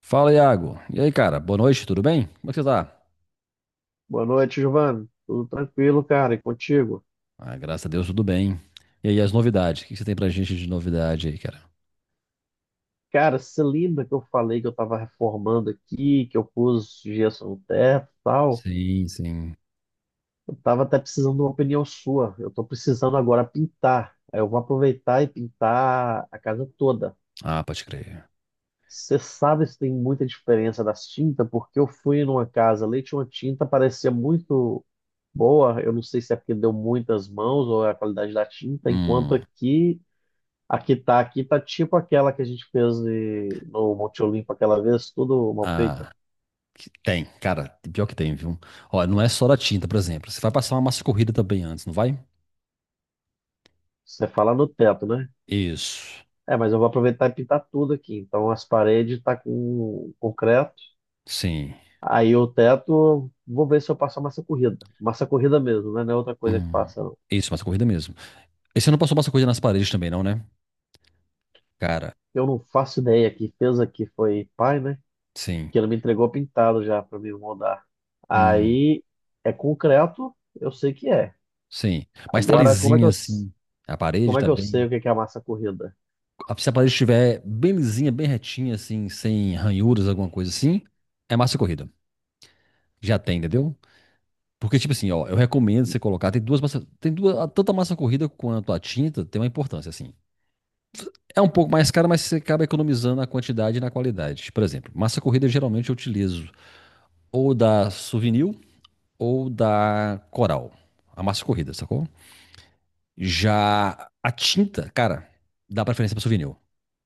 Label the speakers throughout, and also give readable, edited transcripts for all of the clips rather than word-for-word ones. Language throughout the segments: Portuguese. Speaker 1: Fala, Iago. E aí, cara? Boa noite, tudo bem? Como é que você tá?
Speaker 2: Boa noite, Giovanni. Tudo tranquilo, cara? E contigo?
Speaker 1: Ah, graças a Deus, tudo bem. E aí, as novidades? O que que você tem pra gente de novidade aí, cara?
Speaker 2: Cara, você lembra que eu falei que eu tava reformando aqui, que eu pus gesso no teto e tal?
Speaker 1: Sim, sim.
Speaker 2: Eu tava até precisando de uma opinião sua. Eu tô precisando agora pintar. Aí eu vou aproveitar e pintar a casa toda.
Speaker 1: Ah, pode crer.
Speaker 2: Você sabe se tem muita diferença das tintas? Porque eu fui numa casa ali, tinha uma tinta, parecia muito boa. Eu não sei se é porque deu muitas mãos ou é a qualidade da tinta, enquanto
Speaker 1: Hum.
Speaker 2: aqui aqui tá, aqui tá tipo aquela que a gente fez no Monte Olimpo aquela vez, tudo mal feita.
Speaker 1: Ah, que- tem, cara. Pior que tem, viu? Olha, não é só da tinta, por exemplo. Você vai passar uma massa corrida também antes, não vai?
Speaker 2: Você fala no teto, né?
Speaker 1: Isso.
Speaker 2: É, mas eu vou aproveitar e pintar tudo aqui. Então as paredes tá com concreto.
Speaker 1: Sim.
Speaker 2: Aí o teto, vou ver se eu passo a massa corrida. Massa corrida mesmo, né? Não é outra coisa que
Speaker 1: Hum.
Speaker 2: passa, não.
Speaker 1: Isso, massa corrida mesmo. E você não passou massa corrida nas paredes também, não, né? Cara,
Speaker 2: Eu não faço ideia. Quem fez aqui foi pai, né?
Speaker 1: sim.
Speaker 2: Que ele me entregou pintado já para me moldar.
Speaker 1: Hum.
Speaker 2: Aí é concreto, eu sei que é.
Speaker 1: Sim. Mas tá
Speaker 2: Agora, como é que
Speaker 1: lisinha, assim. A parede
Speaker 2: como é
Speaker 1: tá
Speaker 2: que eu sei
Speaker 1: bem.
Speaker 2: o que que é a massa corrida?
Speaker 1: Ah, se a parede estiver bem lisinha, bem retinha, assim, sem ranhuras, alguma coisa assim, é massa corrida. Já tem, entendeu? Porque, tipo assim, ó, eu recomendo você colocar. Tem duas massas. Tanto a massa corrida quanto a tinta tem uma importância, assim. É um pouco mais cara, mas você acaba economizando na quantidade e na qualidade. Por exemplo, massa corrida geralmente eu utilizo ou da Souvenir ou da Coral. A massa corrida, sacou? Já a tinta, cara, dá preferência pra Souvenir.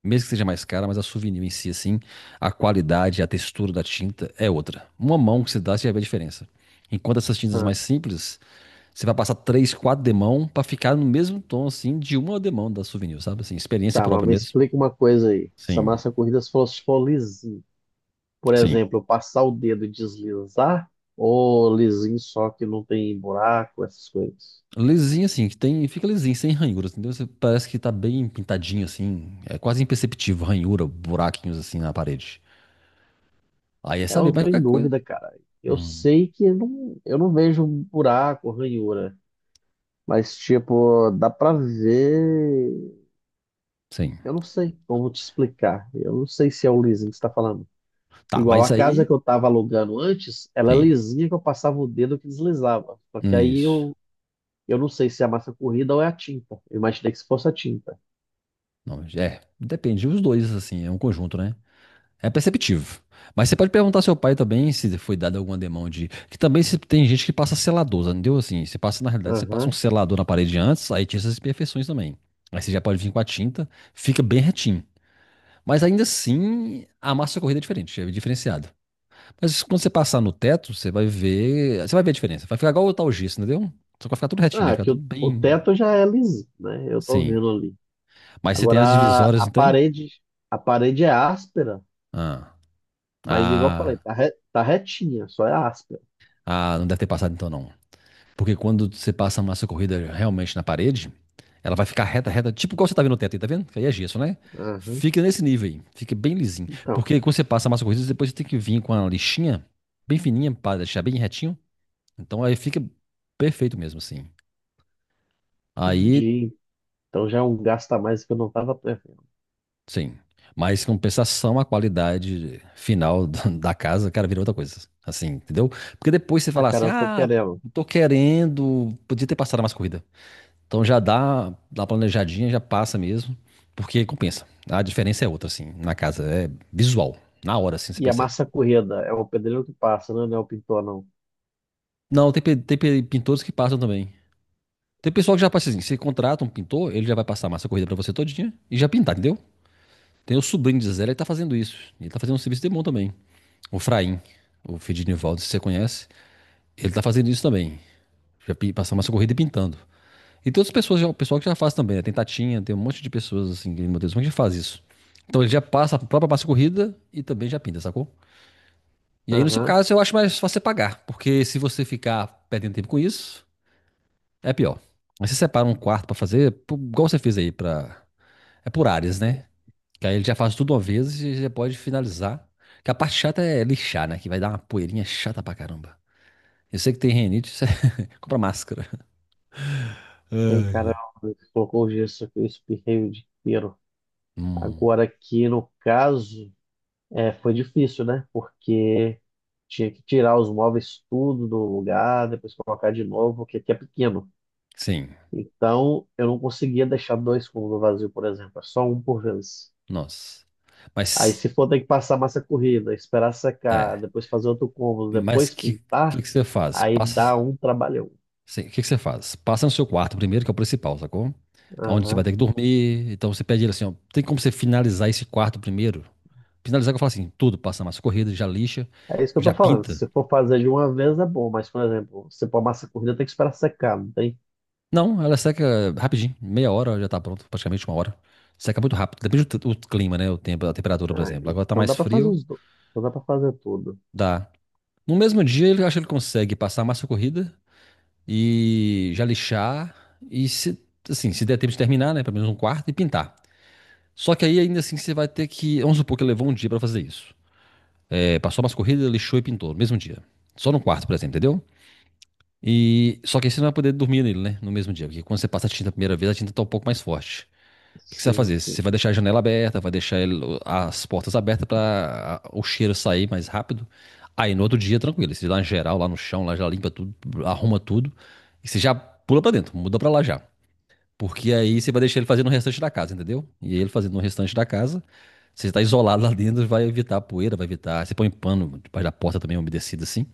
Speaker 1: Mesmo que seja mais cara, mas a Souvenir em si, assim, a qualidade, a textura da tinta é outra. Uma mão que você dá, você já vê a diferença. Enquanto essas tintas mais simples, você vai passar três, quatro demão pra ficar no mesmo tom, assim, de uma demão da Souvenir, sabe? Assim, experiência
Speaker 2: Tá, mas
Speaker 1: própria
Speaker 2: me
Speaker 1: mesmo.
Speaker 2: explica uma coisa aí. Essa
Speaker 1: Sim,
Speaker 2: massa corrida se fosse for lisinho, por
Speaker 1: sim.
Speaker 2: exemplo, eu passar o dedo e deslizar, ou lisinho só que não tem buraco, essas coisas.
Speaker 1: Lisinho, assim, que tem, fica lisinho, sem ranhuras, entendeu? Você parece que tá bem pintadinho, assim. É quase imperceptível, ranhura, buraquinhos, assim, na parede. Aí é
Speaker 2: Eu
Speaker 1: saber,
Speaker 2: não
Speaker 1: mas
Speaker 2: tô em
Speaker 1: qualquer coisa.
Speaker 2: dúvida, cara. Eu
Speaker 1: Hum,
Speaker 2: sei que não, eu não vejo buraco, ranhura, mas tipo, dá pra ver.
Speaker 1: sim.
Speaker 2: Eu não sei como te explicar. Eu não sei se é o lisinho que você tá falando.
Speaker 1: Tá,
Speaker 2: Igual
Speaker 1: mas
Speaker 2: a casa
Speaker 1: aí.
Speaker 2: que eu tava alugando antes, ela é
Speaker 1: Sim,
Speaker 2: lisinha que eu passava o dedo que deslizava. Só que aí
Speaker 1: isso.
Speaker 2: eu não sei se é a massa corrida ou é a tinta. Eu imaginei que se fosse a tinta.
Speaker 1: Não, é, depende os dois, assim, é um conjunto, né? É perceptivo. Mas você pode perguntar ao seu pai também se foi dado alguma demão de. Que também se, tem gente que passa selador, entendeu? Assim, você passa, na realidade, você passa um
Speaker 2: Aham.
Speaker 1: selador na parede antes, aí tinha essas imperfeições também. Aí você já pode vir com a tinta, fica bem retinho. Mas ainda assim, a massa corrida é diferente, é diferenciado. Mas quando você passar no teto, você vai ver. Você vai ver a diferença. Vai ficar igual o tal gesso, entendeu? Só que vai ficar tudo retinho,
Speaker 2: Ah,
Speaker 1: né? Vai ficar
Speaker 2: aqui
Speaker 1: tudo
Speaker 2: o
Speaker 1: bem.
Speaker 2: teto já é liso, né? Eu tô
Speaker 1: Sim.
Speaker 2: vendo ali.
Speaker 1: Mas você tem
Speaker 2: Agora
Speaker 1: as
Speaker 2: a,
Speaker 1: divisórias,
Speaker 2: a
Speaker 1: não tem?
Speaker 2: parede, a parede é áspera,
Speaker 1: Ah,
Speaker 2: mas igual eu falei,
Speaker 1: ah,
Speaker 2: tá, tá retinha, só é áspera.
Speaker 1: ah, não deve ter passado então não. Porque quando você passa a massa corrida realmente na parede, ela vai ficar reta, reta, tipo igual você tá vendo no teto aí, tá vendo? Que aí é gesso, né?
Speaker 2: Aham.
Speaker 1: Fica nesse nível aí, fica bem lisinho.
Speaker 2: Então,
Speaker 1: Porque quando você passa a massa corrida, depois você tem que vir com a lixinha bem fininha para deixar bem retinho. Então aí fica perfeito mesmo assim. Aí
Speaker 2: entendi. Então já é um gasto a mais que eu não tava prevendo.
Speaker 1: sim. Mas em compensação, a qualidade final da casa, cara, vira outra coisa. Assim, entendeu? Porque depois você
Speaker 2: Ah,
Speaker 1: fala
Speaker 2: cara,
Speaker 1: assim,
Speaker 2: eu tô
Speaker 1: ah,
Speaker 2: querendo.
Speaker 1: tô querendo, podia ter passado mais corrida. Então dá uma planejadinha, já passa mesmo, porque compensa. A diferença é outra, assim, na casa. É visual. Na hora, assim, você
Speaker 2: E a
Speaker 1: percebe.
Speaker 2: massa corrida? É o pedreiro que passa, né? Não é o pintor, não.
Speaker 1: Não, tem, pintores que passam também. Tem pessoal que já passa assim, você contrata um pintor, ele já vai passar a massa corrida pra você todinha e já pintar, entendeu? Tem o sobrinho de Zé, ele tá fazendo isso. Ele tá fazendo um serviço de mão também. O Fraim, o filho de Nivaldo, se você conhece, ele tá fazendo isso também. Já passando uma corrida e pintando. E todas as pessoas, o pessoal que já faz também, né? Tem Tatinha, tem um monte de pessoas assim, que, meu Deus, como é que já faz isso? Então ele já passa a própria massa corrida e também já pinta, sacou? E aí, no seu
Speaker 2: Aham.
Speaker 1: caso, eu acho mais fácil você pagar, porque se você ficar perdendo tempo com isso, é pior. Aí você separa um quarto pra fazer, pô, igual você fez aí, pra... é por áreas, né? Que aí ele já faz tudo uma vez e já pode finalizar. Que a parte chata é lixar, né? Que vai dar uma poeirinha chata pra caramba. Eu sei que tem rinite, você compra máscara.
Speaker 2: Tem cara
Speaker 1: Ai.
Speaker 2: que colocou o gesso aqui, eu espirrei o dinheiro.
Speaker 1: Hum,
Speaker 2: Agora aqui no caso. É, foi difícil, né? Porque tinha que tirar os móveis tudo do lugar, depois colocar de novo, porque aqui é pequeno.
Speaker 1: sim,
Speaker 2: Então, eu não conseguia deixar dois cômodos vazios, por exemplo, é só um por vez.
Speaker 1: nossa.
Speaker 2: Aí,
Speaker 1: Mas,
Speaker 2: se for ter que passar massa corrida, esperar secar,
Speaker 1: é,
Speaker 2: depois fazer outro cômodo,
Speaker 1: mas
Speaker 2: depois
Speaker 1: que
Speaker 2: pintar,
Speaker 1: que você faz?
Speaker 2: aí dá
Speaker 1: Passa,
Speaker 2: um trabalhão.
Speaker 1: sim, que você faz? Passa no seu quarto primeiro, que é o principal, sacou? É onde você vai
Speaker 2: Aham.
Speaker 1: ter que dormir. Então você pede ele assim, ó, tem como você finalizar esse quarto primeiro? Finalizar que eu falo assim, tudo, passa massa corrida, já lixa,
Speaker 2: É isso que eu tô
Speaker 1: já
Speaker 2: falando.
Speaker 1: pinta.
Speaker 2: Se for fazer de uma vez é bom, mas, por exemplo, se for massa corrida, tem que esperar secar, não tem?
Speaker 1: Não, ela seca rapidinho, meia hora já tá pronto, praticamente uma hora. Seca muito rápido, depende do clima, né? O tempo, a temperatura, por
Speaker 2: Ah,
Speaker 1: exemplo. Agora tá
Speaker 2: então
Speaker 1: mais
Speaker 2: dá para fazer
Speaker 1: frio,
Speaker 2: os dois. Então dá para fazer tudo.
Speaker 1: dá. No mesmo dia, ele acha que ele consegue passar a massa corrida e já lixar e se, assim, se der tempo de terminar, né, pelo menos um quarto e pintar. Só que aí ainda assim você vai ter que, vamos supor que ele levou um dia pra fazer isso. É, passou a massa corrida, lixou e pintou no mesmo dia. Só no quarto, por exemplo, entendeu? E só que aí você não vai poder dormir nele, né, no mesmo dia, porque quando você passa a tinta a primeira vez, a tinta tá um pouco mais forte. O que você vai
Speaker 2: Sim,
Speaker 1: fazer? Você
Speaker 2: sim.
Speaker 1: vai deixar a janela aberta, vai deixar as portas abertas para o cheiro sair mais rápido. Aí no outro dia, tranquilo, você dá uma geral lá no chão, lá já limpa tudo, arruma tudo e você já pula pra dentro, muda pra lá já. Porque aí você vai deixar ele fazendo o restante da casa, entendeu? E ele fazendo o restante da casa, você tá isolado lá dentro, vai evitar a poeira, vai evitar. Você põe pano debaixo da porta também umedecido assim,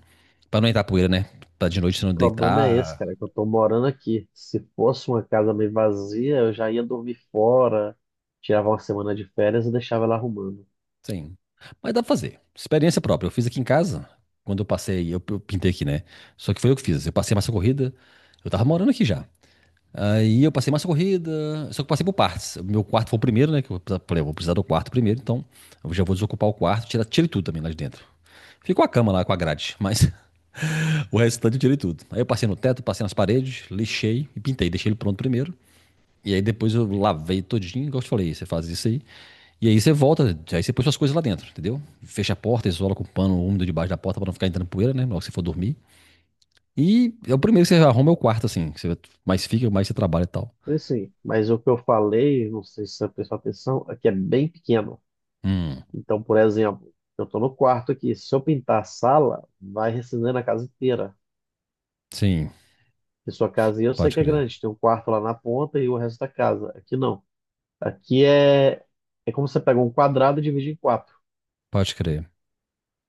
Speaker 1: pra não entrar poeira, né? Pra de noite você não
Speaker 2: O problema é esse,
Speaker 1: deitar,
Speaker 2: cara, que eu tô morando aqui. Se fosse uma casa meio vazia, eu já ia dormir fora, tirava uma semana de férias e deixava ela arrumando.
Speaker 1: sim. Mas dá pra fazer. Experiência própria. Eu fiz aqui em casa, quando eu passei, eu pintei aqui, né? Só que foi eu que fiz. Eu passei massa corrida, eu tava morando aqui já. Aí eu passei massa corrida, só que eu passei por partes. O meu quarto foi o primeiro, né? Que eu falei, eu vou precisar do quarto primeiro, então eu já vou desocupar o quarto, tirei tudo também lá de dentro. Ficou a cama lá com a grade, mas o restante eu tirei tudo. Aí eu passei no teto, passei nas paredes, lixei e pintei. Deixei ele pronto primeiro. E aí depois eu lavei todinho, igual eu te falei, você faz isso aí. E aí você volta, aí você põe suas coisas lá dentro, entendeu? Fecha a porta, isola com o pano úmido debaixo da porta pra não ficar entrando poeira, né? Logo que você for dormir. E é o primeiro que você arruma é o quarto, assim. Que Você mais fica, mais você trabalha e tal.
Speaker 2: Então, assim, mas o que eu falei, não sei se você prestou atenção, é que é bem pequeno.
Speaker 1: Hum,
Speaker 2: Então, por exemplo, eu tô no quarto aqui. Se eu pintar a sala, vai recendendo a casa inteira.
Speaker 1: sim,
Speaker 2: E sua casa, eu sei
Speaker 1: pode
Speaker 2: que é
Speaker 1: crer.
Speaker 2: grande, tem um quarto lá na ponta e o resto da casa. Aqui não. Aqui é, é como você pega um quadrado e divide em quatro.
Speaker 1: Pode crer.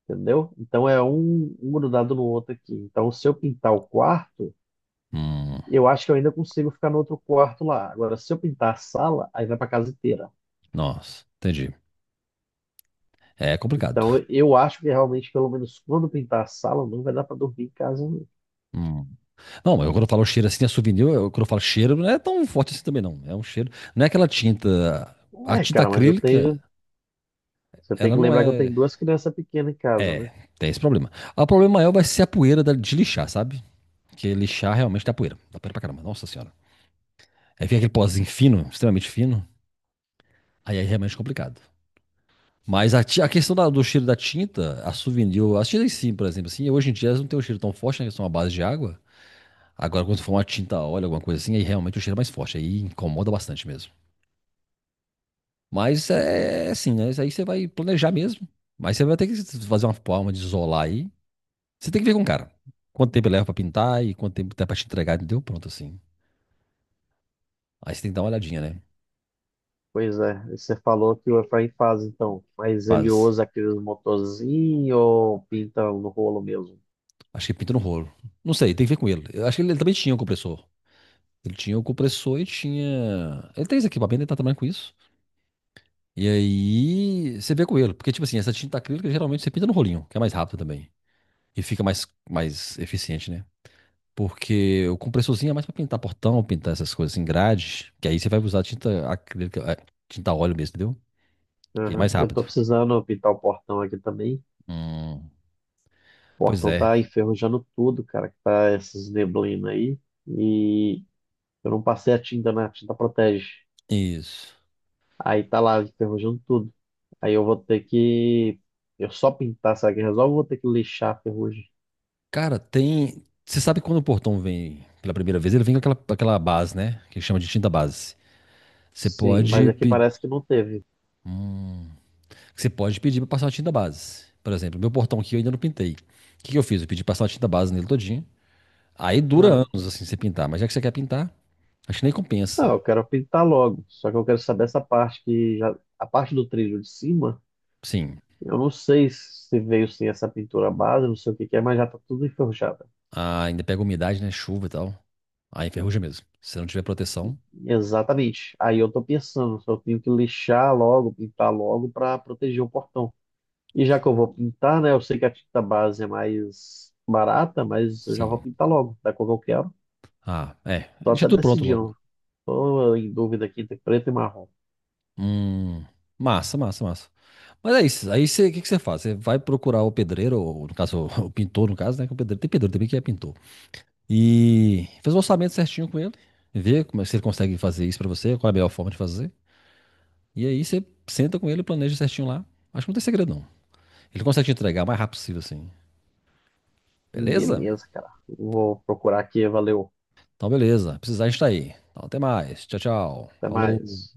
Speaker 2: Entendeu? Então é um grudado no outro aqui. Então, se eu pintar o quarto,
Speaker 1: Hum,
Speaker 2: eu acho que eu ainda consigo ficar no outro quarto lá. Agora, se eu pintar a sala, aí vai para casa inteira.
Speaker 1: nossa, entendi. É complicado.
Speaker 2: Então, eu acho que realmente, pelo menos quando pintar a sala, não vai dar para dormir em casa, não.
Speaker 1: Hum. Não, mas quando eu falo cheiro assim, é Souvenir, eu, quando eu falo cheiro, não é tão forte assim também, não. É um cheiro. Não é aquela tinta. A
Speaker 2: É,
Speaker 1: tinta
Speaker 2: cara, mas eu
Speaker 1: acrílica,
Speaker 2: tenho. Você tem
Speaker 1: ela
Speaker 2: que
Speaker 1: não
Speaker 2: lembrar que eu tenho
Speaker 1: é.
Speaker 2: duas crianças pequenas em casa,
Speaker 1: É,
Speaker 2: né?
Speaker 1: tem esse problema. Ah, o problema maior vai ser a poeira de lixar, sabe? Porque lixar realmente dá poeira. Dá poeira pra caramba. Nossa senhora. Aí fica aquele pozinho fino, extremamente fino. Aí é realmente complicado. Mas a questão do cheiro da tinta, a Souvenir, as tintas sim, por exemplo, assim, hoje em dia elas não têm um cheiro tão forte, né? Que são à base de água. Agora, quando for uma tinta a óleo, alguma coisa assim, aí realmente o cheiro é mais forte. Aí incomoda bastante mesmo. Mas é assim, né? Isso aí você vai planejar mesmo. Mas você vai ter que fazer uma forma de isolar aí. Você tem que ver com o cara. Quanto tempo ele leva pra pintar e quanto tempo dá pra te entregar, entendeu? Pronto, assim. Aí você tem que dar uma olhadinha, né?
Speaker 2: Pois é, e você falou que o Efraim faz então, mas ele
Speaker 1: Faz.
Speaker 2: usa aqueles motorzinhos ou pinta no rolo mesmo?
Speaker 1: Acho que pinta no rolo. Não sei, tem que ver com ele. Eu acho que ele também tinha um compressor. Ele tinha o compressor e tinha. Ele tem esse equipamento, ele tá trabalhando com isso. E aí você vê com ele. Porque, tipo assim, essa tinta acrílica geralmente você pinta no rolinho, que é mais rápido também. E fica mais eficiente, né? Porque o compressorzinho é mais pra pintar portão, pintar essas coisas em grade. Que aí você vai usar tinta acrílica, é, tinta óleo mesmo, entendeu? Que é mais
Speaker 2: Aham. Eu
Speaker 1: rápido.
Speaker 2: tô precisando pintar o portão aqui também.
Speaker 1: Hum. Pois
Speaker 2: Portão
Speaker 1: é,
Speaker 2: tá enferrujando tudo, cara, que tá essas neblinas aí. E eu não passei a tinta na tinta protege.
Speaker 1: isso.
Speaker 2: Aí tá lá enferrujando tudo. Aí eu vou ter que. Eu só pintar, sabe quem resolve? Eu vou ter que lixar a ferrugem.
Speaker 1: Cara, tem. Você sabe quando o portão vem pela primeira vez, ele vem com aquela, aquela base, né? Que chama de tinta base. Você
Speaker 2: Sim, mas
Speaker 1: pode,
Speaker 2: aqui
Speaker 1: pe-
Speaker 2: parece que não teve.
Speaker 1: Você pode pedir pra passar a tinta base. Por exemplo, meu portão aqui eu ainda não pintei. O que que eu fiz? Eu pedi passar a tinta base nele todinho. Aí dura
Speaker 2: Ah,
Speaker 1: anos assim você pintar, mas já que você quer pintar, acho que nem
Speaker 2: não,
Speaker 1: compensa.
Speaker 2: eu quero pintar logo. Só que eu quero saber essa parte que já. A parte do trilho de cima,
Speaker 1: Sim,
Speaker 2: eu não sei se veio sem essa pintura base, não sei o que que é, mas já tá tudo enferrujado.
Speaker 1: ah, ainda pega umidade, né? Chuva e tal. Aí enferruja mesmo. Se não tiver proteção,
Speaker 2: Exatamente. Aí eu tô pensando, só tenho que lixar logo, pintar logo para proteger o portão. E já que eu vou pintar, né? Eu sei que a tinta base é mais barata, mas eu já vou
Speaker 1: sim.
Speaker 2: pintar logo, da cor que eu quero.
Speaker 1: Ah, é.
Speaker 2: Tô
Speaker 1: Deixa
Speaker 2: até
Speaker 1: tudo pronto logo.
Speaker 2: decidindo. Tô em dúvida aqui entre preto e marrom.
Speaker 1: Hum, massa, massa, massa. Mas é isso. Aí você, o que que você faz? Você vai procurar o pedreiro, ou no caso, o pintor, no caso, né? Que é o pedreiro, tem pedreiro também que é pintor. E faz o orçamento certinho com ele, vê como, se ele consegue fazer isso pra você, qual é a melhor forma de fazer. E aí você senta com ele e planeja certinho lá. Acho que não tem segredo, não. Ele consegue te entregar o mais rápido possível, assim. Beleza?
Speaker 2: Beleza, cara. Vou procurar aqui, valeu.
Speaker 1: Então, beleza. Precisar, a gente tá aí. Então, até mais. Tchau, tchau.
Speaker 2: Até mais.
Speaker 1: Falou.